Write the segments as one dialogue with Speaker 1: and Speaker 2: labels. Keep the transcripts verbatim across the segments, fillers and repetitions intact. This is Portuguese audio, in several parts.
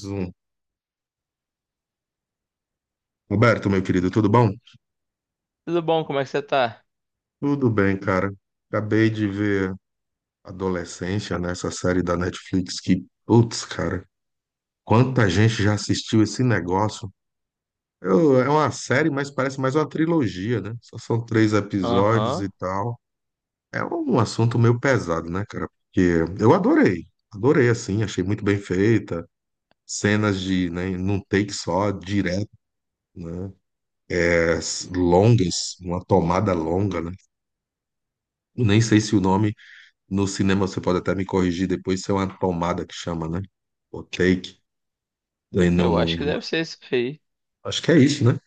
Speaker 1: Zoom. Roberto, meu querido, tudo bom?
Speaker 2: Tudo bom? Como é que você tá?
Speaker 1: Tudo bem, cara. Acabei de ver Adolescência nessa série da Netflix que, putz, cara, quanta gente já assistiu esse negócio. Eu- é uma série, mas parece mais uma trilogia, né? Só são três episódios e
Speaker 2: Aham.
Speaker 1: tal. É um assunto meio pesado, né, cara? Porque eu adorei, adorei, assim, achei muito bem feita. Cenas de, né, num take só, direto, né? As longas, uma tomada longa, né? Nem sei se o nome. No cinema você pode até me corrigir depois, isso é uma tomada que chama, né? O take. Aí Não,
Speaker 2: Eu
Speaker 1: não,
Speaker 2: acho que
Speaker 1: não-
Speaker 2: deve ser isso aí.
Speaker 1: acho que é isso, né?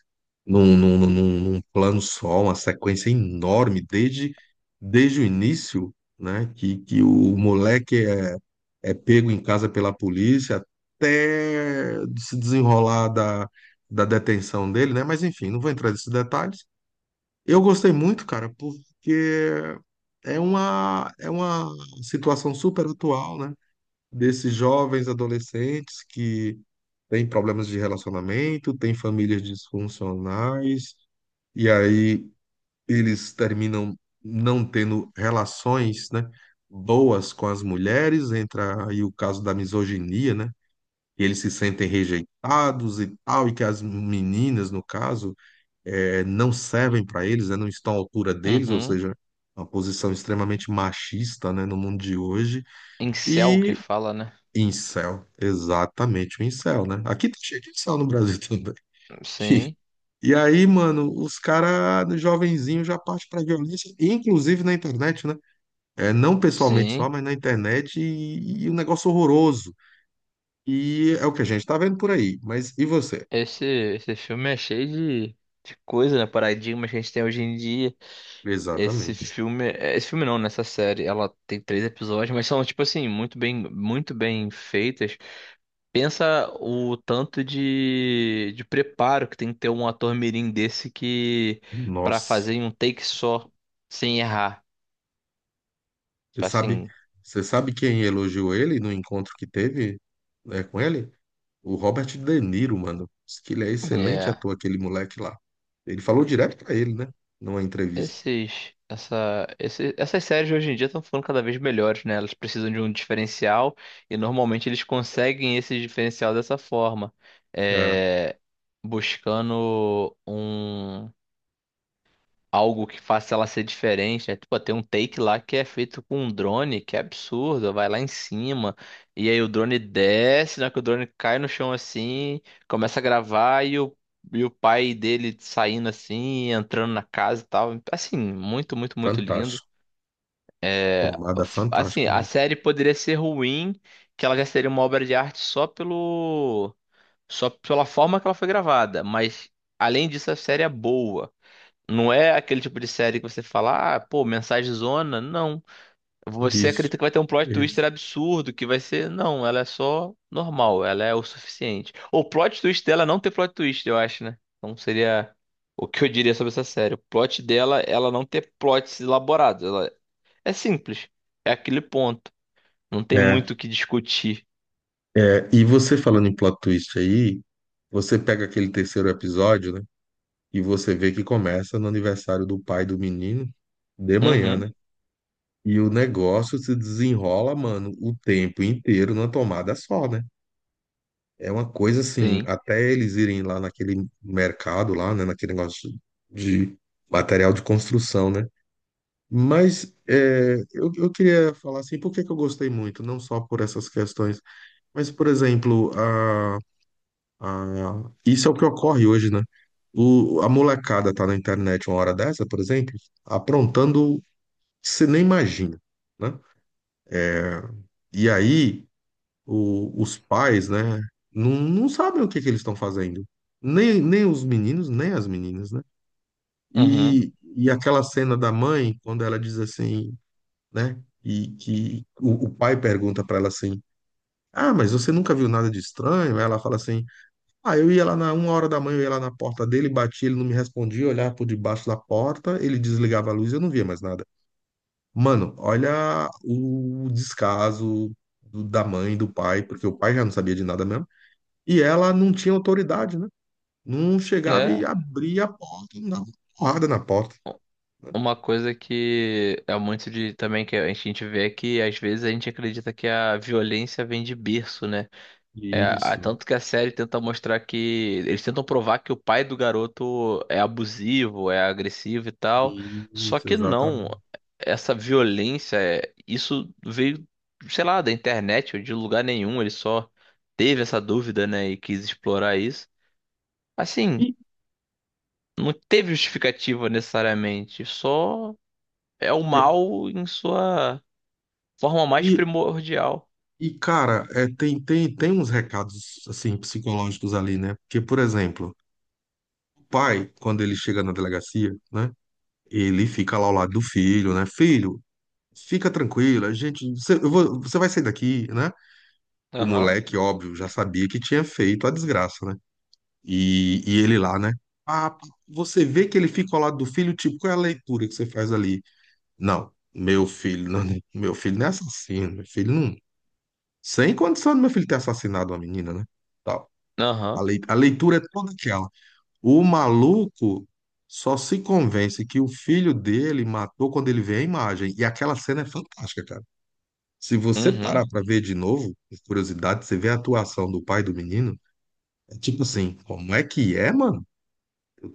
Speaker 1: Num, num, num, num plano só, uma sequência enorme, desde, desde o início, né? Que, que o moleque é, é pego em casa pela polícia até se desenrolar da, da detenção dele, né? Mas enfim, não vou entrar nesses detalhes. Eu gostei muito, cara, porque é uma, é uma situação super atual, né? Desses jovens adolescentes que têm problemas de relacionamento, têm famílias disfuncionais, e aí eles terminam não tendo relações, né, boas com as mulheres, entra aí o caso da misoginia, né? E eles se sentem rejeitados e tal, e que as meninas, no caso, eh, não servem para eles, né, não estão à altura deles, ou
Speaker 2: Uhum.
Speaker 1: seja, uma posição extremamente machista, né, no mundo de hoje.
Speaker 2: Incel que
Speaker 1: E
Speaker 2: fala, né?
Speaker 1: Incel, exatamente, o incel, né? Aqui tá cheio de incel no Brasil também.
Speaker 2: Sim,
Speaker 1: E aí, mano, os caras, jovenzinho, já parte pra violência, inclusive na internet, né? É, não pessoalmente só,
Speaker 2: sim.
Speaker 1: mas na internet, e, e um negócio horroroso. E é o que a gente tá vendo por aí. Mas e você?
Speaker 2: Esse, esse filme é cheio de, de coisa, né? Paradigmas que a gente tem hoje em dia. Esse
Speaker 1: Exatamente.
Speaker 2: filme. É, Esse filme não, nessa série. Ela tem três episódios, mas são, tipo assim, muito bem, muito bem feitas. Pensa o tanto de, de preparo que tem que ter um ator mirim desse que. Pra
Speaker 1: Nossa.
Speaker 2: fazer em um take só, sem errar.
Speaker 1: Você sabe,
Speaker 2: Assim.
Speaker 1: você sabe quem elogiou ele no encontro que teve, né, com ele? O Robert De Niro, mano, diz que ele é excelente
Speaker 2: É.
Speaker 1: ator, aquele moleque lá. Ele falou direto pra ele, né? Numa entrevista.
Speaker 2: Esses, essa, esse, essas séries hoje em dia estão ficando cada vez melhores, né? Elas precisam de um diferencial e normalmente eles conseguem esse diferencial dessa forma,
Speaker 1: É,
Speaker 2: é, buscando um algo que faça ela ser diferente, né? Tipo, tem um take lá que é feito com um drone, que é absurdo, vai lá em cima, e aí o drone desce, na que o drone cai no chão assim, começa a gravar e o, e o pai dele saindo assim, entrando na casa e tal. Assim, muito, muito, muito lindo.
Speaker 1: fantástico.
Speaker 2: É,
Speaker 1: Tomada
Speaker 2: F- assim,
Speaker 1: fantástica
Speaker 2: a
Speaker 1: mesmo.
Speaker 2: série poderia ser ruim, que ela já seria uma obra de arte só pelo, só pela forma que ela foi gravada, mas além disso, a série é boa. Não é aquele tipo de série que você fala, ah, pô, mensagem zona. Não. Você
Speaker 1: Isso,
Speaker 2: acredita que vai ter um plot twister
Speaker 1: isso.
Speaker 2: absurdo, que vai ser. Não, ela é só normal, ela é o suficiente. O plot twist dela é não ter plot twist, eu acho, né? Então seria o que eu diria sobre essa série. O plot dela, é ela não ter plots elaborados. Ela é simples. É aquele ponto. Não tem
Speaker 1: É,
Speaker 2: muito o que discutir.
Speaker 1: é, e você falando em plot twist aí, você pega aquele terceiro episódio, né? E você vê que começa no aniversário do pai do menino, de manhã,
Speaker 2: Uhum,
Speaker 1: né? E o negócio se desenrola, mano, o tempo inteiro numa tomada só, né? É uma coisa assim,
Speaker 2: sim.
Speaker 1: até eles irem lá naquele mercado lá, né, naquele negócio de material de construção, né? Mas é, eu, eu queria falar assim, por que que eu gostei muito? Não só por essas questões, mas, por exemplo, a, a, isso é o que ocorre hoje, né? O, a molecada tá na internet uma hora dessa, por exemplo, aprontando, que você nem imagina, né? E aí o- os pais, né, não, não sabem o que que eles estão fazendo. Nem, nem os meninos, nem as meninas, né?
Speaker 2: Uhum.
Speaker 1: E, e aquela cena da mãe, quando ela diz assim, né? E que o, o pai pergunta para ela assim: ah, mas você nunca viu nada de estranho? Aí ela fala assim: ah, eu ia lá na uma hora da manhã, eu ia lá na porta dele, batia, ele não me respondia, eu olhava por debaixo da porta, ele desligava a luz e eu não via mais nada. Mano, olha o descaso do- da mãe, do pai, porque o pai já não sabia de nada mesmo. E ela não tinha autoridade, né? Não chegava e
Speaker 2: É.
Speaker 1: abria a porta, não dava porrada na porta.
Speaker 2: Uma coisa que é muito de também que a gente vê é que às vezes a gente acredita que a violência vem de berço, né? É, a-
Speaker 1: Isso,
Speaker 2: tanto que a série tenta mostrar que eles tentam provar que o pai do garoto é abusivo, é agressivo e tal. Só
Speaker 1: isso,
Speaker 2: que não,
Speaker 1: exatamente.
Speaker 2: essa violência, é- isso veio, sei lá, da internet ou de lugar nenhum. Ele só teve essa dúvida, né, e quis explorar isso. Assim,
Speaker 1: E,
Speaker 2: não teve justificativa necessariamente, só é o mal em sua forma mais
Speaker 1: e,
Speaker 2: primordial.
Speaker 1: e cara, é, tem, tem, tem uns recados assim psicológicos ali, né? Porque, por exemplo, o pai, quando ele chega na delegacia, né? Ele fica lá ao lado do filho, né? Filho, fica tranquilo, a gente, você, eu vou- você vai sair daqui, né? O
Speaker 2: Aham,
Speaker 1: moleque, óbvio, já sabia que tinha feito a desgraça, né? E, e ele lá, né? Ah, você vê que ele fica ao lado do filho, tipo, qual é a leitura que você faz ali? Não, meu filho, não, meu filho não é assassino, meu filho não. Sem condição do meu filho ter assassinado uma menina, né? Tal. A
Speaker 2: aham,
Speaker 1: lei- a leitura é toda aquela. O maluco só se convence que o filho dele matou quando ele vê a imagem. E aquela cena é fantástica, cara. Se você parar
Speaker 2: uhum,
Speaker 1: pra ver de novo, por curiosidade, você vê a atuação do pai do menino, é tipo assim, como é que é, mano?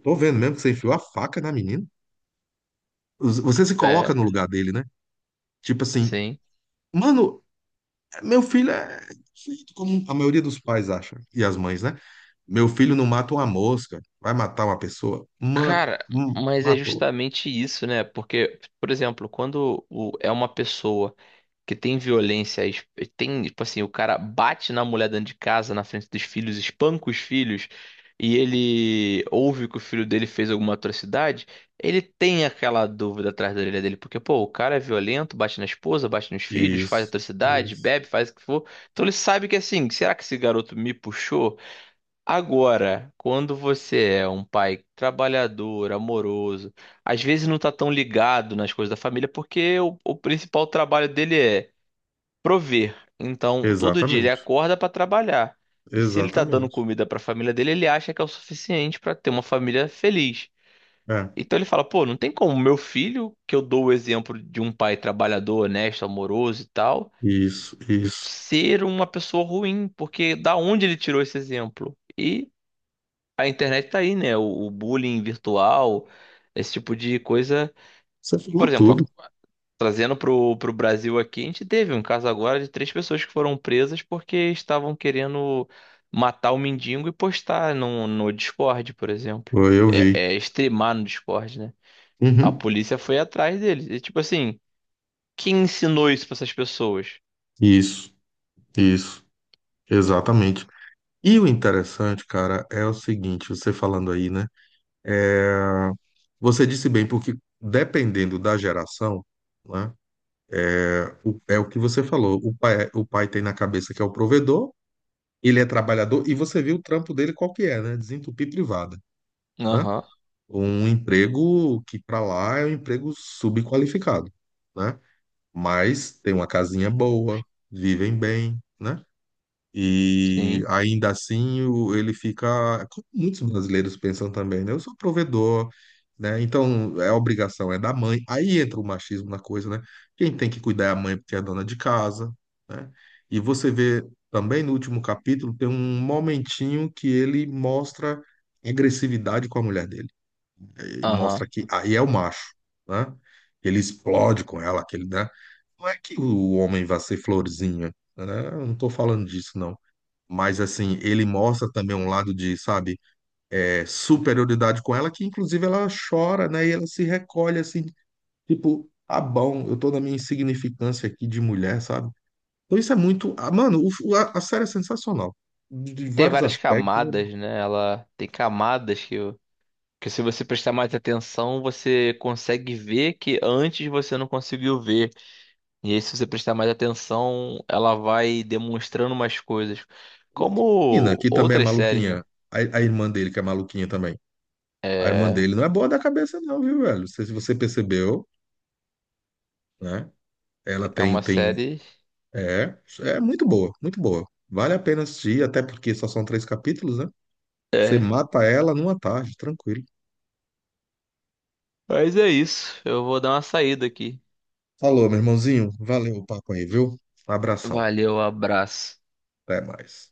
Speaker 1: Tô vendo mesmo que você enfiou a faca na menina. Você se coloca no
Speaker 2: é,
Speaker 1: lugar dele, né? Tipo assim,
Speaker 2: sim.
Speaker 1: mano, meu filho é feito como a maioria dos pais acha, e as mães, né? Meu filho não mata uma mosca, vai matar uma pessoa? Ma-
Speaker 2: Cara,
Speaker 1: hum,
Speaker 2: mas é
Speaker 1: matou.
Speaker 2: justamente isso, né? Porque, por exemplo, quando o- é uma pessoa. Que tem violência, es- tem, tipo assim, o cara bate na mulher dentro de casa, na frente dos filhos, espanca os filhos, e ele ouve que o filho dele fez alguma atrocidade, ele tem aquela dúvida atrás da orelha dele, porque, pô, o cara é violento, bate na esposa, bate nos filhos, faz
Speaker 1: Isso,
Speaker 2: atrocidade,
Speaker 1: isso.
Speaker 2: bebe, faz o que for. Então ele sabe que assim, será que esse garoto me puxou? Agora, quando você é um pai trabalhador, amoroso, às vezes não tá tão ligado nas coisas da família, porque o, o principal trabalho dele é prover. Então, todo dia ele
Speaker 1: Exatamente,
Speaker 2: acorda para trabalhar. E se ele tá dando
Speaker 1: exatamente.
Speaker 2: comida para a família dele, ele acha que é o suficiente para ter uma família feliz.
Speaker 1: É,
Speaker 2: Então ele fala, pô, não tem como meu filho, que eu dou o exemplo de um pai trabalhador, honesto, amoroso e tal,
Speaker 1: isso, isso.
Speaker 2: ser uma pessoa ruim, porque da onde ele tirou esse exemplo? E a internet tá aí, né? O, o bullying virtual, esse tipo de coisa.
Speaker 1: Você
Speaker 2: Por
Speaker 1: falou tudo.
Speaker 2: exemplo, trazendo pro, pro Brasil aqui, a gente teve um caso agora de três pessoas que foram presas porque estavam querendo matar o mendigo e postar no, no Discord, por exemplo.
Speaker 1: Foi, eu vi.
Speaker 2: É, é streamar no Discord, né? A
Speaker 1: Uhum.
Speaker 2: polícia foi atrás deles. E tipo assim, quem ensinou isso pra essas pessoas?
Speaker 1: Isso, isso, exatamente. E o interessante, cara, é o seguinte, você falando aí, né? Você disse bem, porque dependendo da geração, né, o- é o que você falou. O pai, é, o pai tem na cabeça que é o provedor, ele é trabalhador, e você viu o trampo dele qual que é, né? Desentupir privada, né?
Speaker 2: Aham,
Speaker 1: Um emprego que para lá é um emprego subqualificado, né? Mas tem uma casinha boa, vivem bem, né? E
Speaker 2: sim,
Speaker 1: ainda assim o- ele fica, como muitos brasileiros pensam também, né? Eu sou provedor, né? Então é obrigação, é da mãe. Aí entra o machismo na coisa, né? Quem tem que cuidar é a mãe porque é a dona de casa, né? E você vê também no último capítulo tem um momentinho que ele mostra agressividade com a mulher dele. E
Speaker 2: aham.
Speaker 1: mostra que aí é o macho, né? Ele explode com ela, aquele, né? Não é que o homem vai ser florzinha, né? Eu não tô falando disso, não. Mas assim, ele mostra também um lado de, sabe, é, superioridade com ela, que inclusive ela chora, né? E ela se recolhe assim, tipo, ah, bom, eu tô na minha insignificância aqui de mulher, sabe? Então isso é muito. Ah, mano, o- a, a série é sensacional. De, de
Speaker 2: Tem
Speaker 1: vários
Speaker 2: várias
Speaker 1: aspectos, né?
Speaker 2: camadas, né? Ela tem camadas que, que se você prestar mais atenção, você consegue ver que antes você não conseguiu ver. E aí, se você prestar mais atenção, ela vai demonstrando umas coisas.
Speaker 1: E a Ina,
Speaker 2: Como
Speaker 1: que também é
Speaker 2: outras séries,
Speaker 1: maluquinha.
Speaker 2: né?
Speaker 1: A, a irmã dele, que é maluquinha também. A irmã
Speaker 2: É,
Speaker 1: dele não é boa da cabeça, não, viu, velho? Não sei se você percebeu, né? Ela
Speaker 2: é
Speaker 1: tem,
Speaker 2: uma
Speaker 1: tem.
Speaker 2: série.
Speaker 1: É, é muito boa, muito boa. Vale a pena assistir, até porque só são três capítulos, né? Você
Speaker 2: É.
Speaker 1: mata ela numa tarde, tranquilo.
Speaker 2: Mas é isso. Eu vou dar uma saída aqui.
Speaker 1: Falou, meu irmãozinho. Valeu o papo aí, viu? Um abração.
Speaker 2: Valeu, abraço.
Speaker 1: Até mais.